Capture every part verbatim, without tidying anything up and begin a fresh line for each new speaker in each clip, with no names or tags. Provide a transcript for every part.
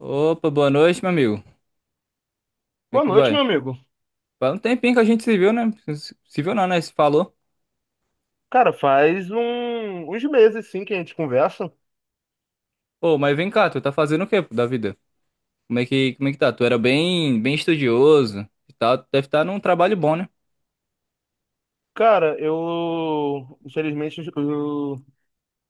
Opa, boa noite, meu amigo. Como é
Boa
que
noite, meu
vai?
amigo.
Faz um tempinho que a gente se viu, né? Se se viu não, né? Se falou.
Cara, faz um- uns meses sim que a gente conversa.
Pô, mas vem cá, tu tá fazendo o quê da vida? Como é que, como é que tá? Tu era bem, bem estudioso e tal. Tu deve estar num trabalho bom, né?
Cara, eu infelizmente os, o-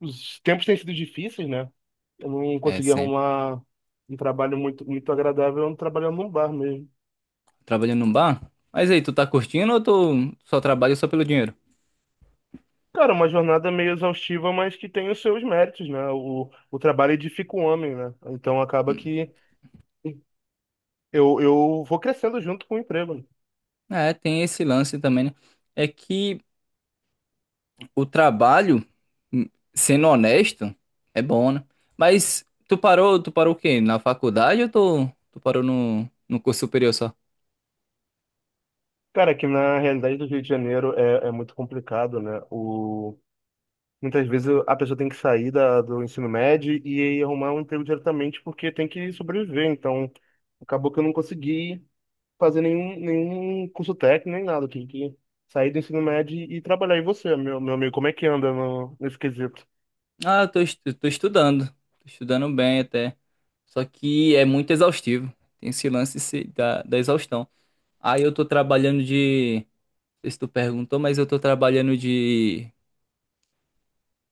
os tempos têm sido difíceis, né? Eu não
É,
consegui
sempre.
arrumar um trabalho muito muito agradável, trabalhando num bar mesmo.
Trabalhando num bar? Mas aí, tu tá curtindo ou tu só trabalha só pelo dinheiro?
Cara, uma jornada meio exaustiva, mas que tem os seus méritos, né? O, o trabalho edifica o homem, né? Então acaba que eu, eu vou crescendo junto com o emprego. Né?
É, tem esse lance também, né? É que o trabalho, hum, sendo honesto, é bom, né? Mas tu parou, tu parou o quê? Na faculdade ou tu, tu parou no, no curso superior só?
Cara, aqui na realidade do Rio de Janeiro é, é muito complicado, né? O muitas vezes a pessoa tem que sair da, do ensino médio e arrumar um emprego diretamente porque tem que sobreviver. Então, acabou que eu não consegui fazer nenhum, nenhum curso técnico, nem nada. Eu tive que sair do ensino médio e trabalhar. E você, meu, meu amigo, como é que anda no, nesse quesito?
Ah, eu tô, estu- tô estudando. Tô estudando bem até. Só que é muito exaustivo. Tem esse lance se- da, da exaustão. Aí eu tô trabalhando de. Não sei se tu perguntou, mas eu tô trabalhando de.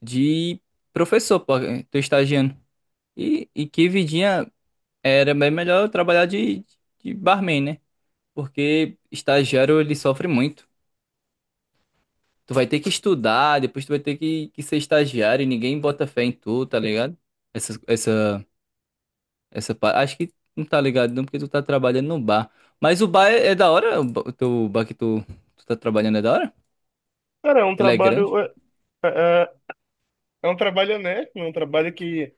De professor, pô. Tô estagiando. E, e que vidinha era bem melhor eu trabalhar de, de barman, né? Porque estagiário ele sofre muito. Tu vai ter que estudar, depois tu vai ter que, que ser estagiário e ninguém bota fé em tu, tá ligado? Essa, essa Essa parte. Acho que não tá ligado não, porque tu tá trabalhando no bar. Mas o bar é, é da hora? O ba- o teu bar que tu, tu tá trabalhando é da hora?
Cara, é um
Ele é grande?
trabalho. É, é, é é um trabalho honesto, é um trabalho que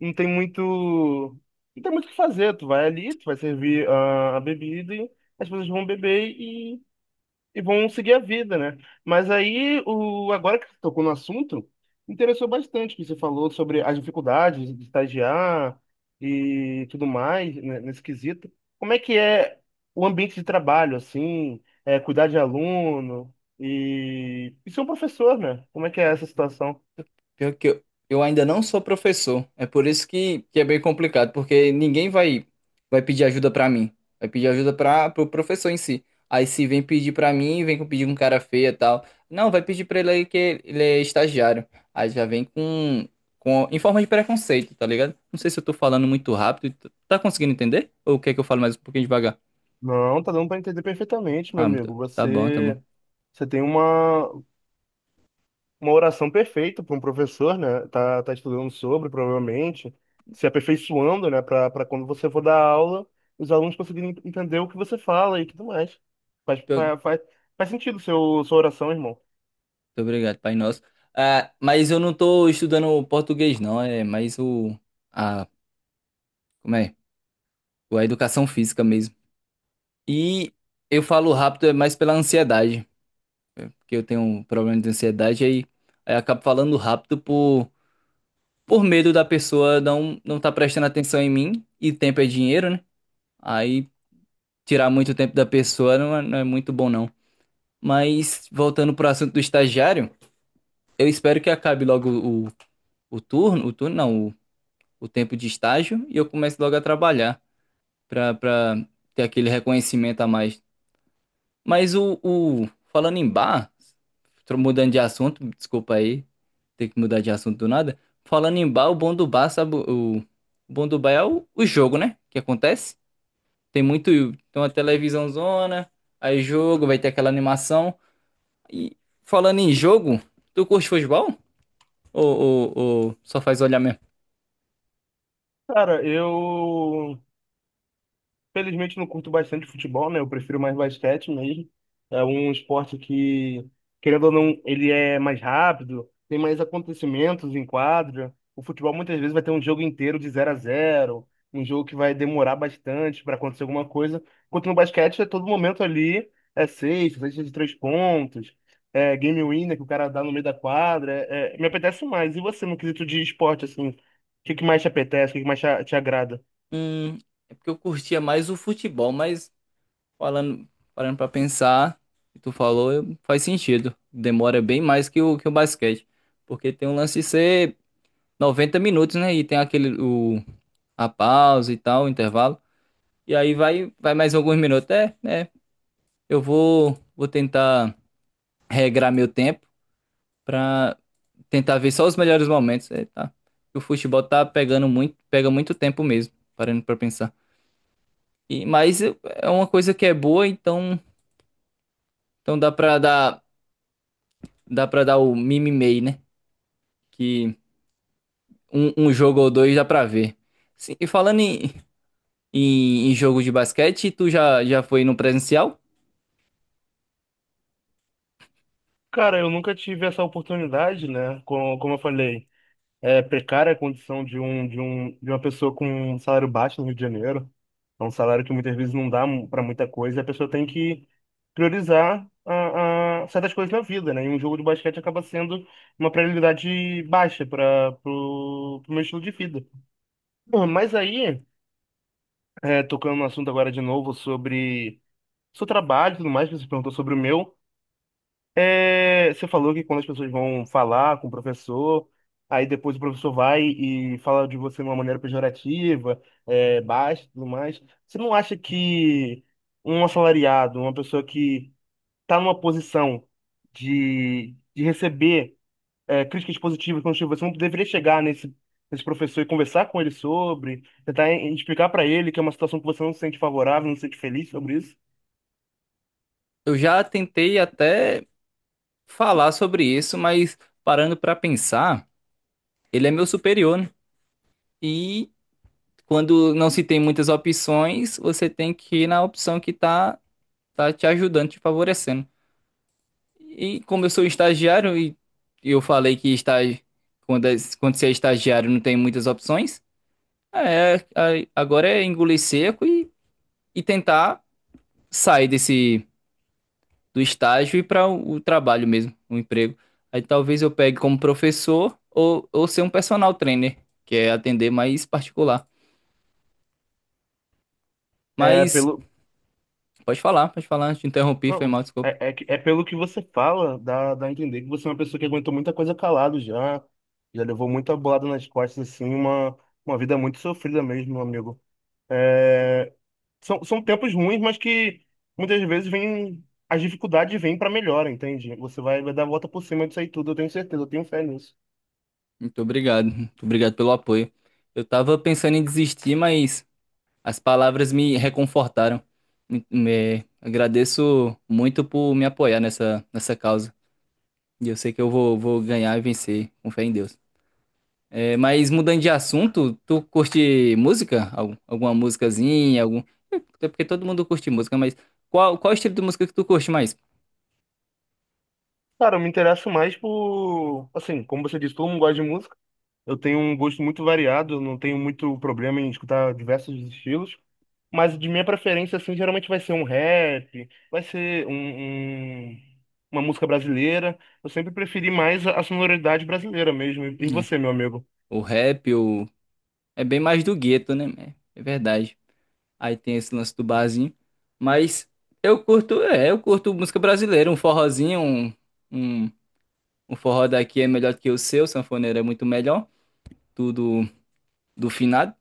não tem muito. Não tem muito o que fazer. Tu vai ali, tu vai servir a, a bebida e as pessoas vão beber e vão seguir a vida, né? Mas aí, o, agora que você tocou no assunto, me interessou bastante que você falou sobre as dificuldades de estagiar e tudo mais, né, nesse quesito. Como é que é o ambiente de trabalho, assim, é, cuidar de aluno e, e ser um professor, né? Como é que é essa situação?
Pior que eu, eu ainda não sou professor. É por isso que, que é bem complicado, porque ninguém vai vai pedir ajuda pra mim. Vai pedir ajuda para pro professor em si. Aí se vem pedir pra mim, vem com pedir com cara feia e tal. Não, vai pedir pra ele aí que ele é estagiário. Aí já vem com, com em forma de preconceito, tá ligado? Não sei se eu tô falando muito rápido. Tá tá conseguindo entender? Ou quer que eu fale mais um pouquinho devagar?
Não, tá dando para entender perfeitamente, meu
Ah, muito-
amigo.
tá bom, tá bom.
Você, você tem uma, uma oração perfeita para um professor, né? Tá, tá estudando sobre, provavelmente, se aperfeiçoando, né? Para para quando você for dar aula, os alunos conseguirem entender o que você fala e tudo mais. Faz,
Pior- Muito
faz, faz, faz sentido seu, sua oração, irmão.
obrigado, Pai Nosso. Ah, mas eu não tô estudando português, não. É mais o a Como é? A educação física mesmo. E eu falo rápido é mais pela ansiedade, porque eu tenho um problema de ansiedade, aí, aí eu acabo falando rápido por, por medo da pessoa não não estar prestando atenção em mim, e tempo é dinheiro, né? Aí tirar muito tempo da pessoa não é, não é muito bom, não. Mas voltando pro assunto do estagiário, eu espero que acabe logo o, o turno, o turno não, o, o tempo de estágio, e eu comece logo a trabalhar, para para ter aquele reconhecimento a mais. Mas o, o- falando em bar, tô mudando de assunto, desculpa aí, ter que mudar de assunto do nada. Falando em bar, o bom do bar, sabe, o, o bom do bar é o, o jogo, né? Que acontece. Tem muito, tem uma televisão zona aí jogo, vai ter aquela animação. E falando em jogo, tu curte futebol? Ou, ou, ou só faz olhar mesmo?
Cara, eu felizmente não curto bastante futebol, né? Eu prefiro mais basquete mesmo. É um esporte que, querendo ou não, ele é mais rápido, tem mais acontecimentos em quadra. O futebol muitas vezes vai ter um jogo inteiro de zero a zero, um jogo que vai demorar bastante para acontecer alguma coisa. Enquanto no basquete é todo momento ali, é sexta, sexta de três pontos, é game winner que o cara dá no meio da quadra. É, é, me apetece mais. E você, no quesito de esporte, assim, o que que mais te apetece, o que que mais te te agrada?
Hum, é porque eu curtia mais o futebol, mas Falando, parando pra pensar, que tu falou, eu- faz sentido. Demora bem mais que o, que o basquete. Porque tem um lance de ser noventa minutos, né? E tem aquele, o, a pausa e tal, o intervalo. E aí vai, vai mais alguns minutos. É, é. Eu vou, vou tentar regrar meu tempo pra tentar ver só os melhores momentos. É, tá. O futebol tá pegando muito, pega muito tempo mesmo, parando pra pensar. E, mas é uma coisa que é boa, então, então dá pra dar. dá pra dar o mimimei, né? Que um, um jogo ou dois dá pra ver. Sim, e falando em, em, em jogo de basquete, tu já, já foi no presencial?
Cara, eu nunca tive essa oportunidade, né? Como, como eu falei, é precária a condição de um, de um, de uma pessoa com um salário baixo no Rio de Janeiro. É um salário que muitas vezes não dá para muita coisa, e a pessoa tem que priorizar a, a certas coisas na vida, né? E um jogo de basquete acaba sendo uma prioridade baixa para o meu estilo de vida. Bom, mas aí, é, tocando no assunto agora de novo sobre seu trabalho e tudo mais, que você perguntou sobre o meu. É, você falou que quando as pessoas vão falar com o professor, aí depois o professor vai e fala de você de uma maneira pejorativa, é, baixa e tudo mais. Você não acha que um assalariado, uma pessoa que está numa posição de, de receber é, críticas positivas, construtivas, você não deveria chegar nesse, nesse professor e conversar com ele sobre, tentar em- explicar para ele que é uma situação que você não se sente favorável, não se sente feliz sobre isso?
Eu já tentei até falar sobre isso, mas parando pra pensar, ele é meu superior, né? E quando não se tem muitas opções, você tem que ir na opção que tá, tá te ajudando, te favorecendo. E como eu sou estagiário e eu falei que estágio, quando, é- quando você é estagiário não tem muitas opções, É, a- agora é engolir seco e, e tentar sair desse do estágio e para o, o trabalho mesmo, o emprego. Aí talvez eu pegue como professor ou, ou ser um personal trainer, que é atender mais particular.
É,
Mas
pelo,
pode falar, pode falar, te interrompi, foi
não,
mal, desculpa.
é, é, que- é pelo que você fala, dá, dá a entender que você é uma pessoa que aguentou muita coisa calado já, já levou muita bolada nas costas, assim, uma, uma vida muito sofrida mesmo, meu amigo. São, são tempos ruins, mas que muitas vezes vem, as dificuldades vêm pra melhora, entende? Você vai, vai dar a volta por cima disso aí tudo, eu tenho certeza, eu tenho fé nisso.
Muito obrigado, muito obrigado pelo apoio. Eu tava pensando em desistir, mas as palavras me reconfortaram. Me, me- agradeço muito por me apoiar nessa, nessa causa. E eu sei que eu vou, vou ganhar e vencer, com fé em Deus. É, mas mudando de assunto, tu curte música? Algum- alguma musicazinha? Algum... Até porque todo mundo curte música, mas qual, qual estilo de música que tu curte mais?
Cara, eu me interesso mais por, assim, como você disse, todo mundo gosta de música, eu tenho um gosto muito variado, eu não tenho muito problema em escutar diversos estilos. Mas de minha preferência, assim, geralmente vai ser um rap, vai ser um, um- uma música brasileira. Eu sempre preferi mais a a sonoridade brasileira mesmo. E e
É,
você, meu amigo?
o rap, o... é bem mais do gueto, né? É, é verdade. Aí tem esse lance do barzinho. Mas eu curto, é, eu curto música brasileira, um forrozinho, um, um, um forró daqui é melhor que o seu, sanfoneiro é muito melhor, tudo do finado.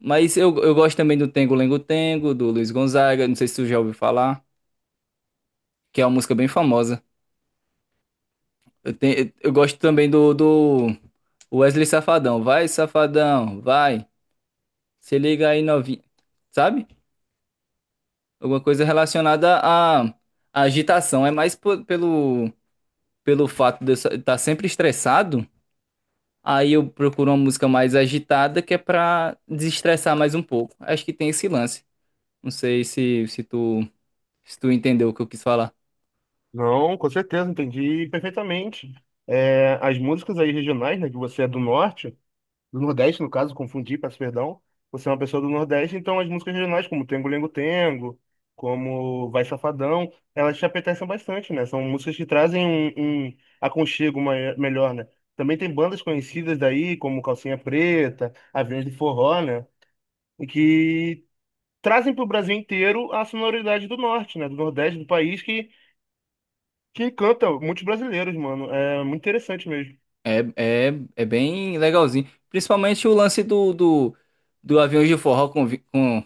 Mas eu, eu gosto também do Tengo Lengo Tengo, do Luiz Gonzaga, não sei se tu já ouviu falar, que é uma música bem famosa. Eu, tenho, eu eu gosto também do, do Wesley Safadão. Vai, Safadão, vai, se liga aí, novinho. Sabe? Alguma coisa relacionada à, à agitação. É mais po- pelo, pelo fato de eu estar sempre estressado, aí eu procuro uma música mais agitada, que é pra desestressar mais um pouco. Acho que tem esse lance. Não sei se, se tu, se tu entendeu o que eu quis falar.
Não, com certeza, entendi perfeitamente. É, as músicas aí regionais, né, que você é do norte. Do Nordeste, no caso, confundi, peço perdão. Você é uma pessoa do Nordeste, então as músicas regionais, como Tengo Lengo Tengo, como Vai Safadão, elas te apetecem bastante, né? São músicas que trazem um, um aconchego mai- melhor, né? Também tem bandas conhecidas daí, como Calcinha Preta, Aviões de Forró, né? E que trazem para o Brasil inteiro a sonoridade do Norte, né? Do Nordeste do país, que, que encanta muitos brasileiros, mano. É muito interessante mesmo.
É, é, é bem legalzinho. Principalmente o lance do, do, do Aviões de Forró com, vi- com.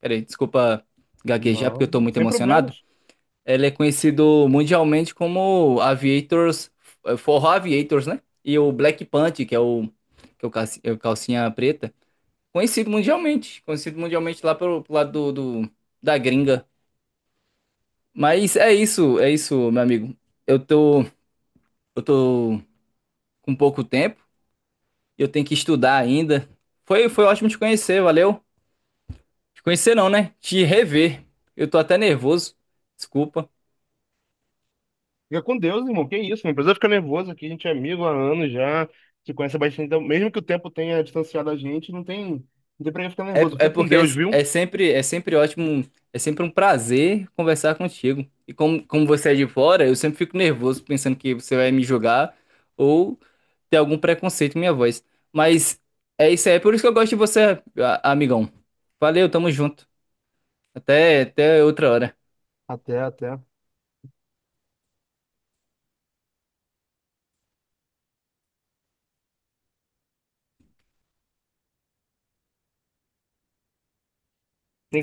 Peraí, desculpa gaguejar porque eu
Não,
tô muito
sem
emocionado.
problemas.
Ele é conhecido mundialmente como Aviators, eh, Forró Aviators, né? E o Black Panther, que é o, que é o calci- é o calcinha preta. Conhecido mundialmente. Conhecido mundialmente lá pro, pro lado do, do- da gringa. Mas é isso, é isso, meu amigo. Eu tô, eu tô com pouco tempo. Eu tenho que estudar ainda. Foi, foi ótimo te conhecer, valeu. Te conhecer não, né? Te rever. Eu tô até nervoso. Desculpa.
Fica com Deus, irmão. Que isso, não precisa ficar nervoso aqui. A gente é amigo há anos já, se conhece há bastante. Então, mesmo que o tempo tenha distanciado a gente, não tem, não tem pra que ficar
É,
nervoso.
é
Fica com
porque é,
Deus, viu?
é sempre é sempre ótimo, é sempre um prazer conversar contigo. E como, como você é de fora, eu sempre fico nervoso pensando que você vai me julgar ou ter algum preconceito com minha voz. Mas é isso aí, é por isso que eu gosto de você, a- amigão. Valeu, tamo junto. Até, até outra hora.
Até, até. Tem